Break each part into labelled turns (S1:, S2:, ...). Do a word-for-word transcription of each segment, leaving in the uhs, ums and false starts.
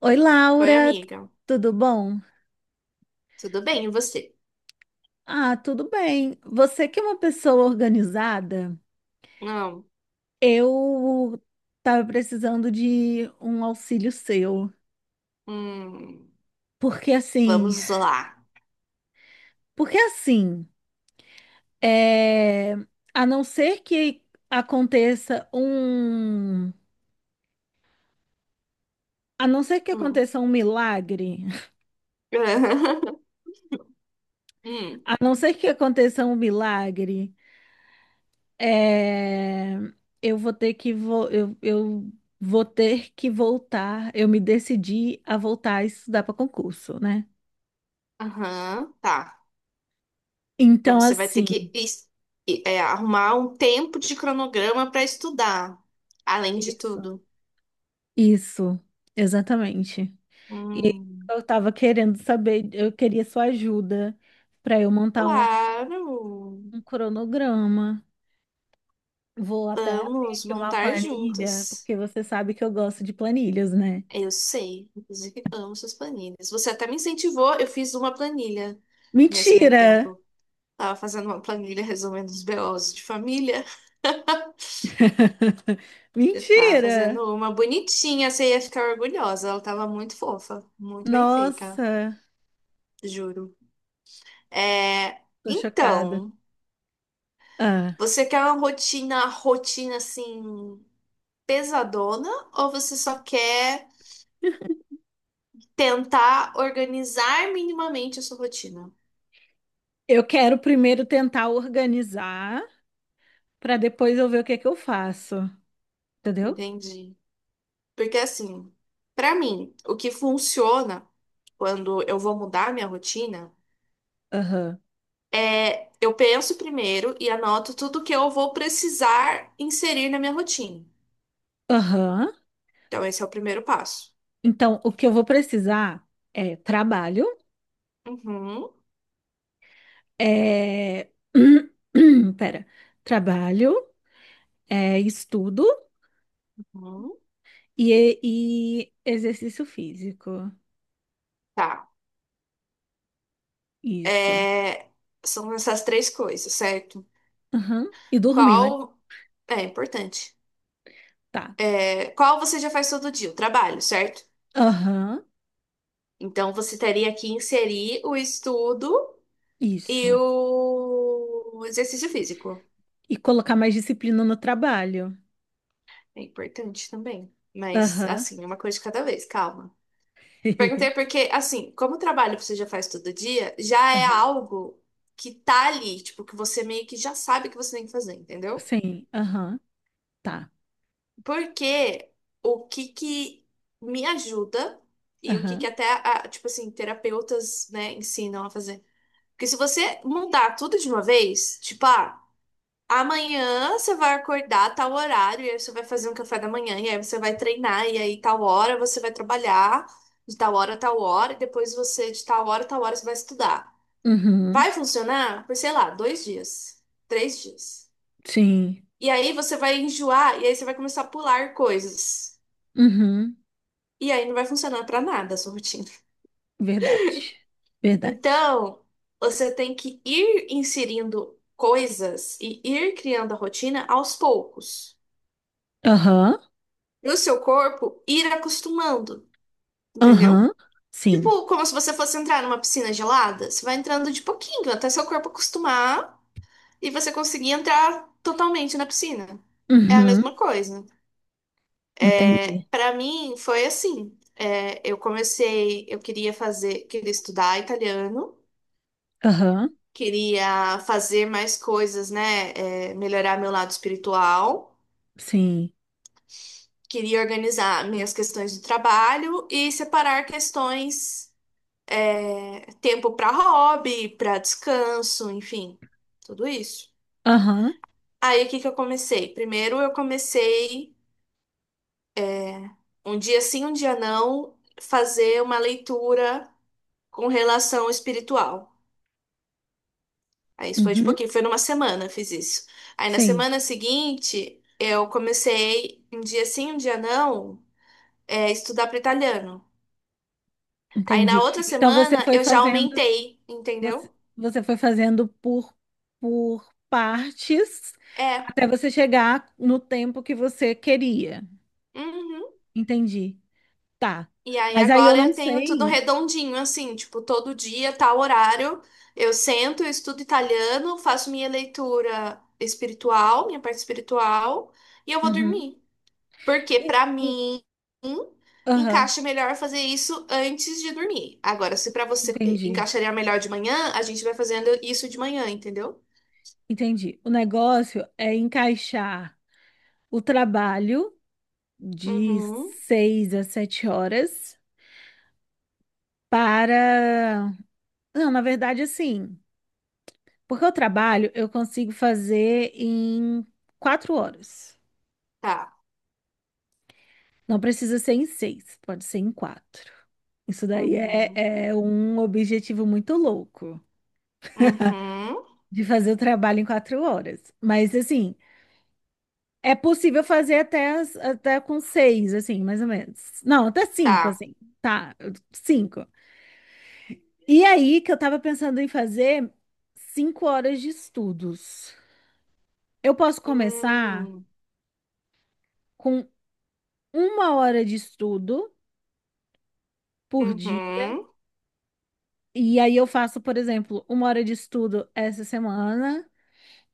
S1: Oi,
S2: Oi,
S1: Laura, t-
S2: amiga.
S1: tudo bom?
S2: Tudo bem, e você?
S1: Ah, tudo bem. Você que é uma pessoa organizada,
S2: Não.
S1: eu tava precisando de um auxílio seu.
S2: Hum,
S1: Porque assim,
S2: vamos lá.
S1: porque assim, é, a não ser que aconteça um, a não ser que
S2: Hum.
S1: aconteça um milagre,
S2: Hum.
S1: a não ser que aconteça um milagre É, eu vou ter que vo- eu, eu vou ter que voltar. Eu me decidi a voltar a estudar para concurso, né?
S2: Aham, tá. Então
S1: Então,
S2: você vai ter
S1: assim,
S2: que es- e- é, Arrumar um tempo de cronograma para estudar, além de
S1: isso,
S2: tudo.
S1: isso, exatamente. E
S2: Hum,
S1: eu estava querendo saber, eu queria sua ajuda para eu montar um,
S2: claro.
S1: um cronograma. Vou até abrir
S2: Vamos
S1: aqui uma
S2: montar
S1: planilha,
S2: juntas.
S1: porque você sabe que eu gosto de planilhas, né?
S2: Eu sei, inclusive amo suas planilhas. Você até me incentivou, eu fiz uma planilha nesse meio
S1: Mentira!
S2: tempo. Tava fazendo uma planilha resolvendo os B Os de família. Eu tava
S1: Mentira!
S2: fazendo uma bonitinha, você ia ficar orgulhosa. Ela tava muito fofa, muito bem feita,
S1: Nossa!
S2: juro. É,
S1: Tô chocada.
S2: então,
S1: Ah,
S2: você quer uma rotina, rotina assim, pesadona, ou você só quer tentar organizar minimamente a sua rotina?
S1: eu quero primeiro tentar organizar para depois eu ver o que que eu faço, entendeu?
S2: Entendi. Porque assim, pra mim, o que funciona quando eu vou mudar minha rotina.
S1: Aham.
S2: É, eu penso primeiro e anoto tudo que eu vou precisar inserir na minha rotina.
S1: Aham.
S2: Então, esse é o primeiro passo.
S1: Então, o que eu vou precisar é trabalho,
S2: Uhum,
S1: é pera, trabalho, é estudo
S2: uhum,
S1: e, e exercício físico.
S2: tá.
S1: Isso.
S2: É, são essas três coisas, certo?
S1: Aham. E dormir,
S2: Qual.
S1: né?
S2: É importante.
S1: Tá.
S2: É, qual você já faz todo dia? O trabalho, certo?
S1: Aham.
S2: Então, você teria que inserir o estudo e
S1: Isso.
S2: o exercício físico.
S1: E colocar mais disciplina no trabalho.
S2: É importante também. Mas,
S1: Aham.
S2: assim, uma coisa de cada vez, calma. Perguntei porque, assim, como o trabalho você já faz todo dia, já é algo que tá ali, tipo, que você meio que já sabe que você tem que fazer, entendeu?
S1: Sim, aham, tá,
S2: Porque o que que me ajuda e o que que
S1: aham,
S2: até, a- tipo assim, terapeutas, né, ensinam a fazer. Porque se você mudar tudo de uma vez, tipo, ah, amanhã você vai acordar a tal horário, e aí você vai fazer um café da manhã, e aí você vai treinar, e aí tal hora você vai trabalhar, de tal hora a tal hora, e depois você, de tal hora a tal hora, você vai estudar.
S1: uhum,
S2: Vai funcionar por, sei lá, dois dias, três dias.
S1: sim,
S2: E aí você vai enjoar, e aí você vai começar a pular coisas.
S1: uhum,
S2: E aí não vai funcionar pra nada a sua rotina.
S1: verdade, verdade,
S2: Então, você tem que ir inserindo coisas e ir criando a rotina aos poucos.
S1: aham,
S2: E o seu corpo ir acostumando.
S1: aham,
S2: Entendeu?
S1: sim,
S2: Tipo, como se você fosse entrar numa piscina gelada. Você vai entrando de pouquinho, até seu corpo acostumar e você conseguir entrar totalmente na piscina. É a
S1: uhum,
S2: mesma coisa. É,
S1: entendi,
S2: para mim, foi assim. É, eu comecei, eu queria fazer, queria estudar italiano,
S1: aham,
S2: queria fazer mais coisas, né? É, melhorar meu lado espiritual,
S1: sim,
S2: queria organizar minhas questões do trabalho e separar questões. Tempo para hobby, para descanso, enfim, tudo isso.
S1: aham,
S2: Aí o que que eu comecei? Primeiro eu comecei um dia sim, um dia não, fazer uma leitura com relação espiritual. Aí isso foi de
S1: uhum,
S2: pouquinho, foi numa semana eu fiz isso. Aí na
S1: sim,
S2: semana seguinte eu comecei um dia sim, um dia não, é, estudar para italiano. Aí na
S1: entendi.
S2: outra
S1: Então você
S2: semana
S1: foi
S2: eu já
S1: fazendo,
S2: aumentei,
S1: você,
S2: entendeu?
S1: você foi fazendo por, por partes
S2: É.
S1: até você chegar no tempo que você queria,
S2: Uhum.
S1: entendi, tá.
S2: E aí
S1: Mas aí eu
S2: agora
S1: não
S2: eu tenho tudo
S1: sei,
S2: redondinho, assim, tipo, todo dia, tal horário, eu sento, eu estudo italiano, faço minha leitura espiritual, minha parte espiritual, e eu vou
S1: uhum.
S2: dormir. Porque
S1: E-
S2: pra
S1: E
S2: mim
S1: Aham,
S2: encaixa melhor fazer isso antes de dormir. Agora, se pra você eh,
S1: entendi,
S2: encaixaria melhor de manhã, a gente vai fazendo isso de manhã, entendeu?
S1: entendi. O negócio é encaixar o trabalho de
S2: Uhum,
S1: seis a sete horas para. Não, na verdade, assim, porque o trabalho eu consigo fazer em quatro horas.
S2: tá.
S1: Não precisa ser em seis, pode ser em quatro. Isso daí
S2: Uhum,
S1: é, é um objetivo muito louco
S2: uhum,
S1: de fazer o trabalho em quatro horas. Mas assim. É possível fazer até, as- até com seis, assim, mais ou menos. Não, até cinco,
S2: tá.
S1: assim. Tá, cinco. E aí que eu tava pensando em fazer cinco horas de estudos. Eu posso começar
S2: Hum,
S1: com uma hora de estudo por dia.
S2: uhum.
S1: E aí eu faço, por exemplo, uma hora de estudo essa semana.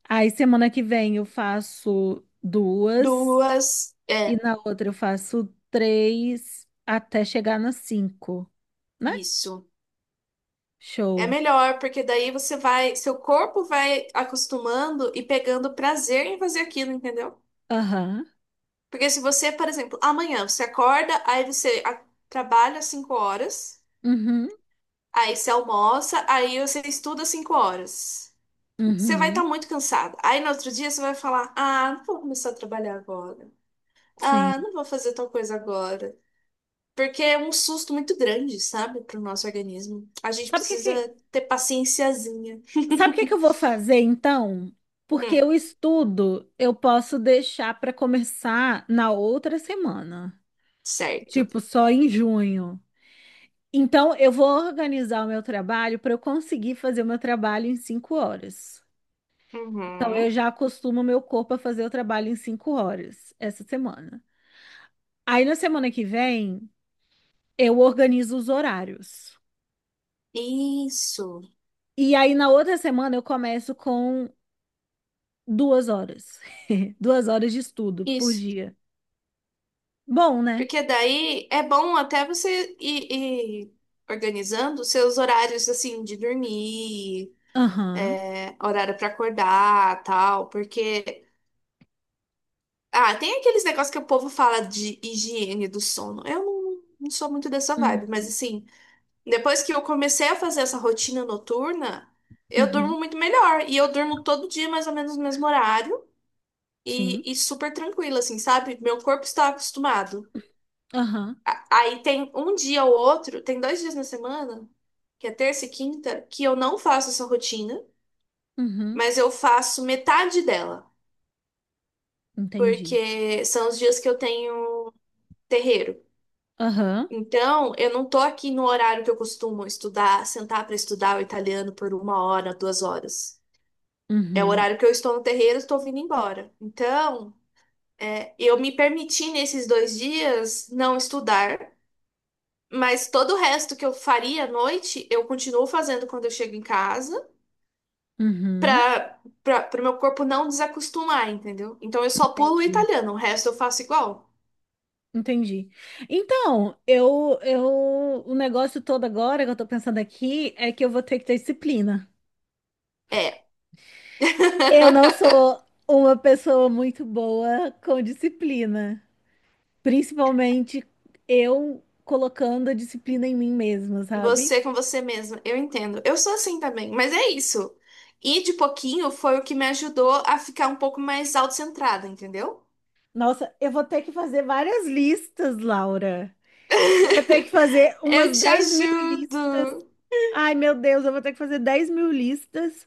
S1: Aí semana que vem eu faço duas.
S2: Duas.
S1: E
S2: É,
S1: na outra eu faço três até chegar nas cinco, né?
S2: isso. É
S1: Show.
S2: melhor, porque daí você vai, seu corpo vai acostumando e pegando prazer em fazer aquilo, entendeu?
S1: Aham.
S2: Porque se você, por exemplo, amanhã você acorda, aí você a- trabalha cinco horas,
S1: Uhum.
S2: aí você almoça, aí você estuda cinco horas. Você vai estar
S1: Uhum.
S2: muito cansada. Aí no outro dia você vai falar: "Ah, não vou começar a trabalhar agora. Ah,
S1: Sim.
S2: não vou fazer tal coisa agora." Porque é um susto muito grande, sabe, para o nosso organismo. A gente
S1: Sabe o que que,
S2: precisa ter paciênciazinha.
S1: sabe o que que eu vou fazer então? Porque o estudo eu posso deixar para começar na outra semana,
S2: Certo.
S1: tipo só em junho. Então eu vou organizar o meu trabalho para eu conseguir fazer o meu trabalho em cinco horas. Então
S2: Uhum.
S1: eu já acostumo o meu corpo a fazer o trabalho em cinco horas essa semana. Aí na semana que vem eu organizo os horários.
S2: Isso,
S1: E aí, na outra semana, eu começo com duas horas. Duas horas de estudo por
S2: isso.
S1: dia. Bom, né?
S2: Porque daí é bom até você ir, ir organizando os seus horários assim de dormir,
S1: Aham.
S2: é, horário para acordar, tal, porque ah, tem aqueles negócios que o povo fala de higiene do sono. Eu não, não sou muito dessa
S1: Hum.
S2: vibe, mas assim, depois que eu comecei a fazer essa rotina noturna, eu
S1: Uhum.
S2: durmo muito melhor e eu durmo todo dia mais ou menos no mesmo horário.
S1: Sim.
S2: e, e super tranquila, assim, sabe? Meu corpo está acostumado.
S1: Aham.
S2: A- Aí tem um dia ou outro, tem dois dias na semana, que é terça e quinta, que eu não faço essa rotina,
S1: Uhum.
S2: mas eu faço metade dela,
S1: Entendi.
S2: porque são os dias que eu tenho terreiro.
S1: Aham.
S2: Então, eu não tô aqui no horário que eu costumo estudar, sentar para estudar o italiano por uma hora, duas horas. É o
S1: Uhum.
S2: horário que eu estou no terreiro, estou vindo embora. Então, é, eu me permiti nesses dois dias não estudar. Mas todo o resto que eu faria à noite, eu continuo fazendo quando eu chego em casa,
S1: Uhum.
S2: pra, pra, pro meu corpo não desacostumar, entendeu? Então eu só pulo o
S1: Entendi.
S2: italiano, o resto eu faço igual.
S1: Entendi. Então, eu, eu, o negócio todo agora que eu tô pensando aqui é que eu vou ter que ter disciplina.
S2: É.
S1: Eu não sou uma pessoa muito boa com disciplina, principalmente eu colocando a disciplina em mim mesma, sabe?
S2: Você com você mesma, eu entendo. Eu sou assim também, mas é isso. E de pouquinho foi o que me ajudou a ficar um pouco mais autocentrada, entendeu?
S1: Nossa, eu vou ter que fazer várias listas, Laura. Eu vou ter que fazer
S2: Eu
S1: umas
S2: te
S1: dez mil listas.
S2: ajudo.
S1: Ai, meu Deus, eu vou ter que fazer dez mil listas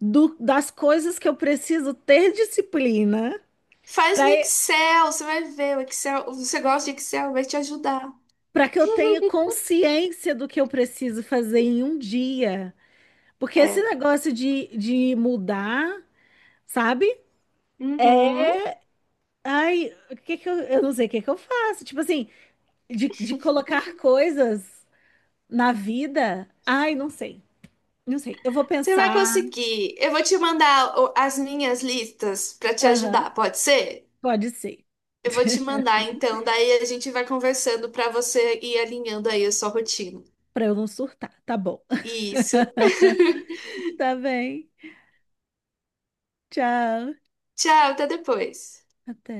S1: do- das coisas que eu preciso ter disciplina
S2: Faz
S1: para
S2: no Excel, você vai ver. O Excel, você gosta de Excel, vai te ajudar.
S1: para que eu tenha consciência do que eu preciso fazer em um dia. Porque esse
S2: É.
S1: negócio de, de mudar, sabe? É,
S2: Uhum.
S1: Ai, o que que eu, eu não sei o que que eu faço. Tipo assim, de, de colocar coisas na vida. Ai, não sei. Não sei, eu vou
S2: Você vai
S1: pensar.
S2: conseguir. Eu vou te mandar o- as minhas listas para te
S1: Aham,
S2: ajudar, pode ser?
S1: pode ser.
S2: Eu vou te mandar então, daí a gente vai conversando para você ir alinhando aí a sua rotina.
S1: Pra eu não surtar. Tá bom.
S2: Isso.
S1: Tá bem. Tchau.
S2: Tchau, até depois.
S1: Até.